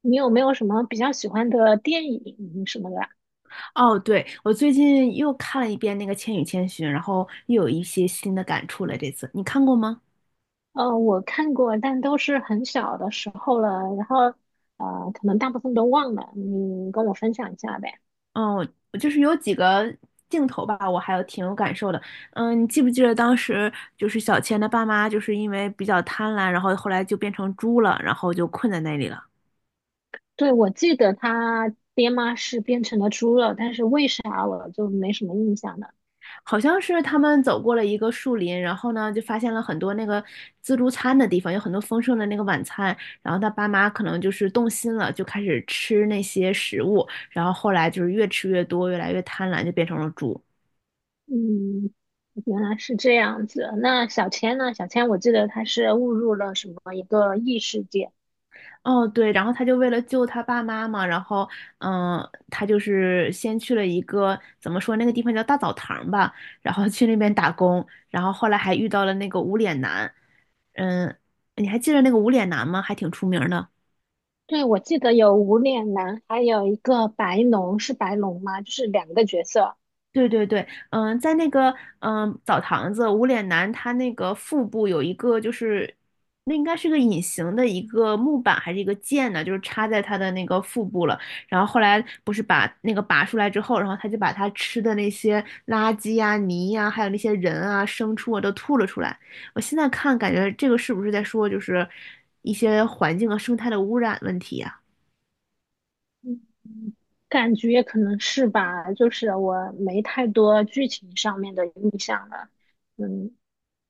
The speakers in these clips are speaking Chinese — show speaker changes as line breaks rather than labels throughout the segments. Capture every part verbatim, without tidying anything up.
你有没有什么比较喜欢的电影什么的啊？
哦，对，我最近又看了一遍那个《千与千寻》，然后又有一些新的感触了。这次你看过吗？
呃，我看过，但都是很小的时候了，然后呃，可能大部分都忘了。你跟我分享一下呗。
嗯，我我就是有几个镜头吧，我还有挺有感受的。嗯，你记不记得当时就是小千的爸妈就是因为比较贪婪，然后后来就变成猪了，然后就困在那里了。
对，我记得他爹妈是变成了猪了，但是为啥我就没什么印象了？
好像是他们走过了一个树林，然后呢，就发现了很多那个自助餐的地方，有很多丰盛的那个晚餐。然后他爸妈可能就是动心了，就开始吃那些食物。然后后来就是越吃越多，越来越贪婪，就变成了猪。
嗯，原来是这样子。那小千呢？小千，我记得他是误入了什么一个异世界。
哦，对，然后他就为了救他爸妈嘛，然后，嗯，他就是先去了一个怎么说那个地方叫大澡堂吧，然后去那边打工，然后后来还遇到了那个无脸男，嗯，你还记得那个无脸男吗？还挺出名的。
对，我记得有无脸男，还有一个白龙，是白龙吗？就是两个角色。
对对对，嗯，在那个嗯澡堂子，无脸男他那个腹部有一个就是，那应该是个隐形的一个木板还是一个剑呢，就是插在他的那个腹部了。然后后来不是把那个拔出来之后，然后他就把他吃的那些垃圾呀、泥呀、还有那些人啊、牲畜啊都吐了出来。我现在看感觉这个是不是在说就是一些环境和生态的污染问题呀？
嗯。感觉可能是吧，就是我没太多剧情上面的印象了。嗯。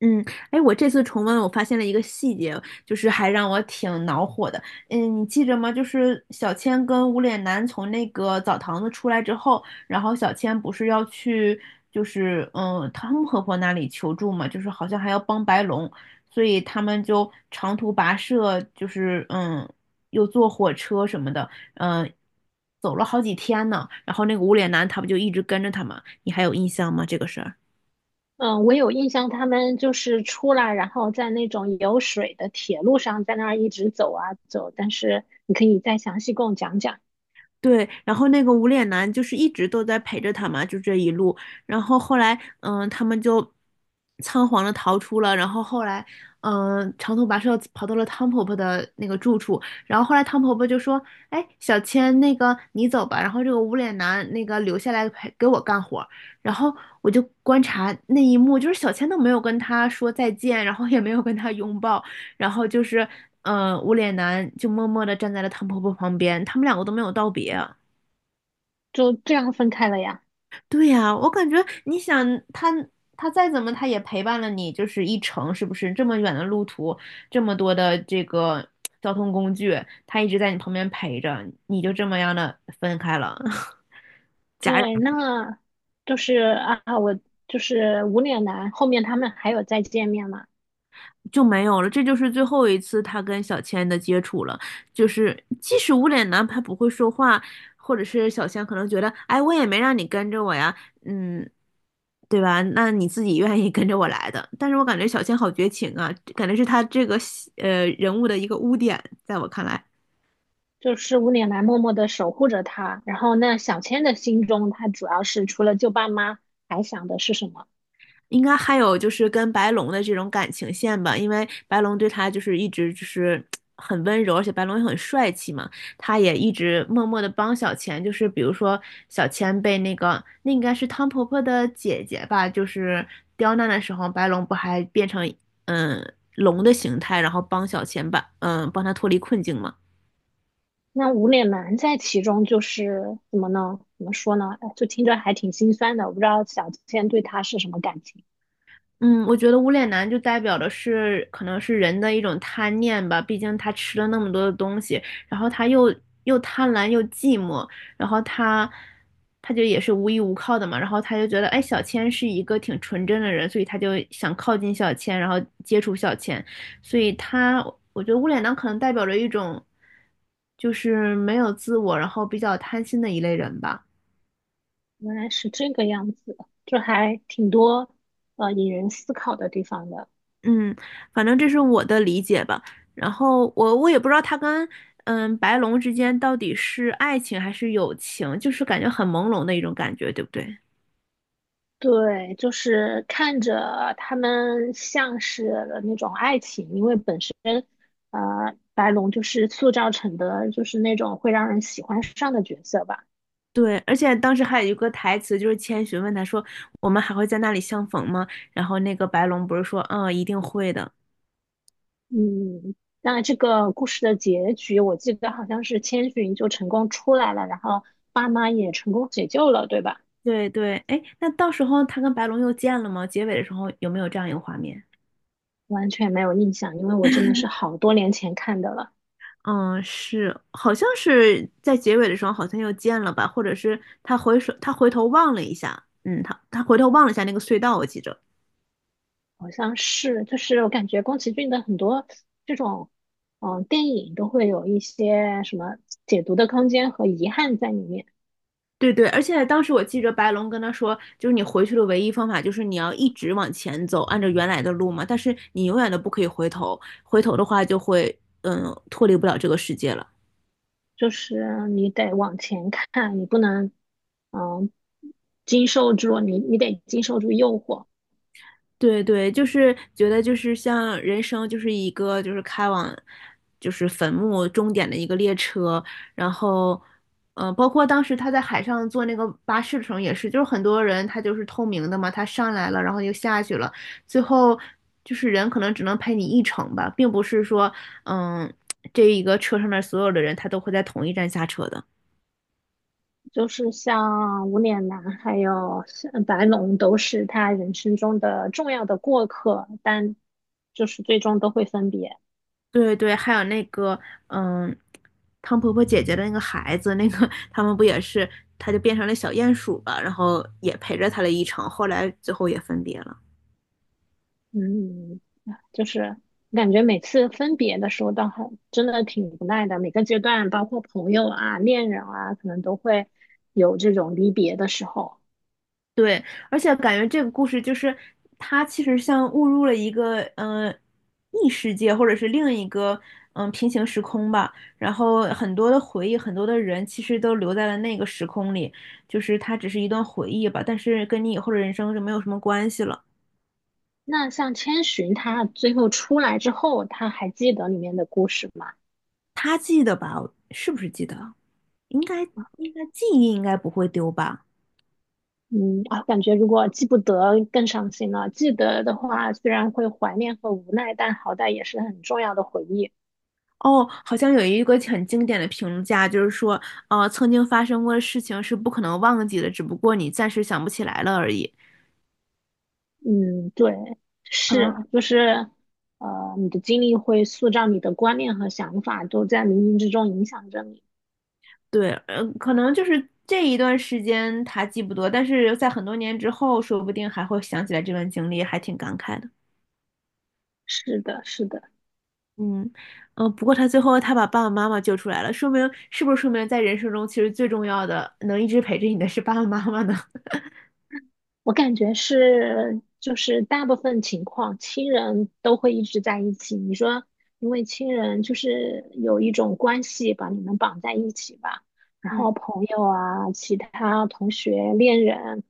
嗯，哎，我这次重温，我发现了一个细节，就是还让我挺恼火的。嗯，你记着吗？就是小千跟无脸男从那个澡堂子出来之后，然后小千不是要去，就是嗯汤姆婆婆那里求助嘛，就是好像还要帮白龙，所以他们就长途跋涉，就是嗯又坐火车什么的，嗯，走了好几天呢。然后那个无脸男他不就一直跟着他吗？你还有印象吗？这个事儿？
嗯，我有印象，他们就是出来，然后在那种有水的铁路上，在那儿一直走啊走。但是你可以再详细跟我讲讲。
对，然后那个无脸男就是一直都在陪着他嘛，就这一路。然后后来，嗯，他们就仓皇的逃出了。然后后来，嗯，长途跋涉跑到了汤婆婆的那个住处。然后后来汤婆婆就说："哎，小千，那个你走吧。"然后这个无脸男那个留下来陪给我干活儿。然后我就观察那一幕，就是小千都没有跟他说再见，然后也没有跟他拥抱，然后就是，呃，无脸男就默默的站在了汤婆婆旁边，他们两个都没有道别。
就这样分开了呀。
对呀、我感觉你想他他再怎么他也陪伴了你，就是一程，是不是？这么远的路途，这么多的这个交通工具，他一直在你旁边陪着，你就这么样的分开了，戛
对，那就是啊，我就是无脸男，后面他们还有再见面嘛？
就没有了，这就是最后一次他跟小千的接触了。就是即使无脸男他不会说话，或者是小千可能觉得，哎，我也没让你跟着我呀，嗯，对吧？那你自己愿意跟着我来的。但是我感觉小千好绝情啊，感觉是他这个呃人物的一个污点，在我看来。
就是无脸男默默的守护着他，然后那小千的心中，他主要是除了救爸妈，还想的是什么？
应该还有就是跟白龙的这种感情线吧，因为白龙对他就是一直就是很温柔，而且白龙也很帅气嘛，他也一直默默的帮小千，就是比如说小千被那个那应该是汤婆婆的姐姐吧，就是刁难的时候，白龙不还变成嗯龙的形态，然后帮小千把嗯帮他脱离困境嘛，
那无脸男在其中就是怎么呢？怎么说呢？哎，就听着还挺心酸的。我不知道小倩对他是什么感情。
嗯，我觉得无脸男就代表的是可能是人的一种贪念吧，毕竟他吃了那么多的东西，然后他又又贪婪又寂寞，然后他他就也是无依无靠的嘛，然后他就觉得哎，小千是一个挺纯真的人，所以他就想靠近小千，然后接触小千，所以他我觉得无脸男可能代表着一种就是没有自我，然后比较贪心的一类人吧。
原来是这个样子，就还挺多呃引人思考的地方的。
嗯，反正这是我的理解吧。然后我我也不知道他跟嗯白龙之间到底是爱情还是友情，就是感觉很朦胧的一种感觉，对不对？
对，就是看着他们像是那种爱情，因为本身呃白龙就是塑造成的就是那种会让人喜欢上的角色吧。
对，而且当时还有一个台词，就是千寻问他说："我们还会在那里相逢吗？"然后那个白龙不是说："嗯，一定会的。"
嗯，那这个故事的结局，我记得好像是千寻就成功出来了，然后爸妈也成功解救了，对吧？
对对，哎，那到时候他跟白龙又见了吗？结尾的时候有没有这样一个画面？
完全没有印象，因为我真的是好多年前看的了。
嗯，是，好像是在结尾的时候好像又见了吧，或者是他回首，他回头望了一下，嗯，他他回头望了一下那个隧道，我记着。
好像是，就是我感觉宫崎骏的很多这种，嗯，电影都会有一些什么解读的空间和遗憾在里面。
对对，而且当时我记着白龙跟他说，就是你回去的唯一方法就是你要一直往前走，按照原来的路嘛，但是你永远都不可以回头，回头的话就会，嗯，脱离不了这个世界了。
就是你得往前看，你不能，嗯，经受住，你你得经受住诱惑。
对对，就是觉得就是像人生就是一个就是开往就是坟墓终点的一个列车，然后嗯、呃包括当时他在海上坐那个巴士的时候也是，就是很多人他就是透明的嘛，他上来了，然后又下去了，最后就是人可能只能陪你一程吧，并不是说嗯这一个车上面所有的人他都会在同一站下车的。
就是像无脸男还有像白龙都是他人生中的重要的过客，但就是最终都会分别。
对对，还有那个，嗯，汤婆婆姐姐的那个孩子，那个他们不也是，他就变成了小鼹鼠吧，然后也陪着他了一程，后来最后也分别了。
嗯，就是感觉每次分别的时候倒还真的挺无奈的，每个阶段，包括朋友啊、恋人啊，可能都会有这种离别的时候。
对，而且感觉这个故事就是它其实像误入了一个嗯、呃异世界或者是另一个嗯、呃平行时空吧，然后很多的回忆，很多的人其实都留在了那个时空里，就是它只是一段回忆吧，但是跟你以后的人生就没有什么关系了。
那像千寻，他最后出来之后，他还记得里面的故事吗？
他记得吧？是不是记得？应该应该记忆应该不会丢吧？
嗯啊，感觉如果记不得更伤心了。记得的话，虽然会怀念和无奈，但好歹也是很重要的回忆。
哦，好像有一个很经典的评价，就是说，呃，曾经发生过的事情是不可能忘记的，只不过你暂时想不起来了而已。
嗯，对，
可能
是，就是，呃，你的经历会塑造你的观念和想法，都在冥冥之中影响着你。
对，呃，可能就是这一段时间他记不得，但是在很多年之后，说不定还会想起来这段经历，还挺感慨的。嗯
是的，是的。
嗯，呃不过他最后他把爸爸妈妈救出来了，说明是不是说明在人生中其实最重要的能一直陪着你的是爸爸妈妈呢？
我感觉是，就是大部分情况，亲人都会一直在一起。你说，因为亲人就是有一种关系把你们绑在一起吧，然
嗯，
后朋友啊、其他同学、恋人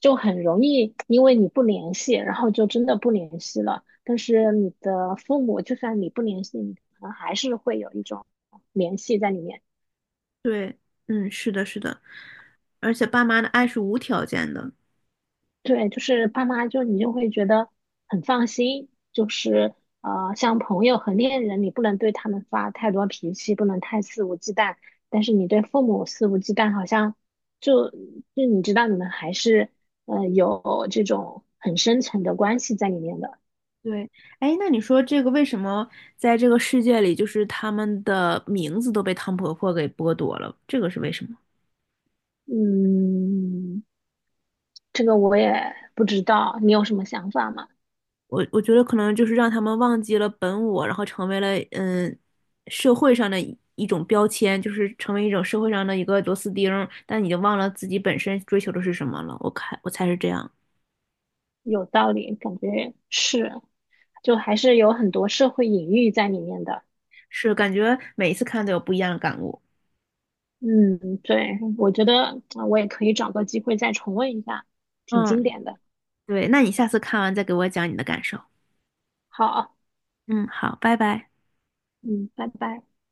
就很容易因为你不联系，然后就真的不联系了。但是你的父母，就算你不联系，你可能还是会有一种联系在里面。
对，嗯，是的，是的，而且爸妈的爱是无条件的。
对，就是爸妈就你就会觉得很放心，就是呃，像朋友和恋人，你不能对他们发太多脾气，不能太肆无忌惮，但是你对父母肆无忌惮，好像就就你知道你们还是呃有这种很深层的关系在里面的。
对，哎，那你说这个为什么在这个世界里，就是他们的名字都被汤婆婆给剥夺了？这个是为什么？
嗯，这个我也不知道，你有什么想法吗？
我我觉得可能就是让他们忘记了本我，然后成为了嗯社会上的一一种标签，就是成为一种社会上的一个螺丝钉儿但你经忘了自己本身追求的是什么了。我看我猜是这样，
有道理，感觉是，就还是有很多社会隐喻在里面的。
是感觉每一次看都有不一样的感悟。
嗯，对，我觉得呃我也可以找个机会再重温一下，挺经
嗯。
典的。
对，那你下次看完再给我讲你的感受。
好，
嗯，好，拜拜。
嗯，拜拜。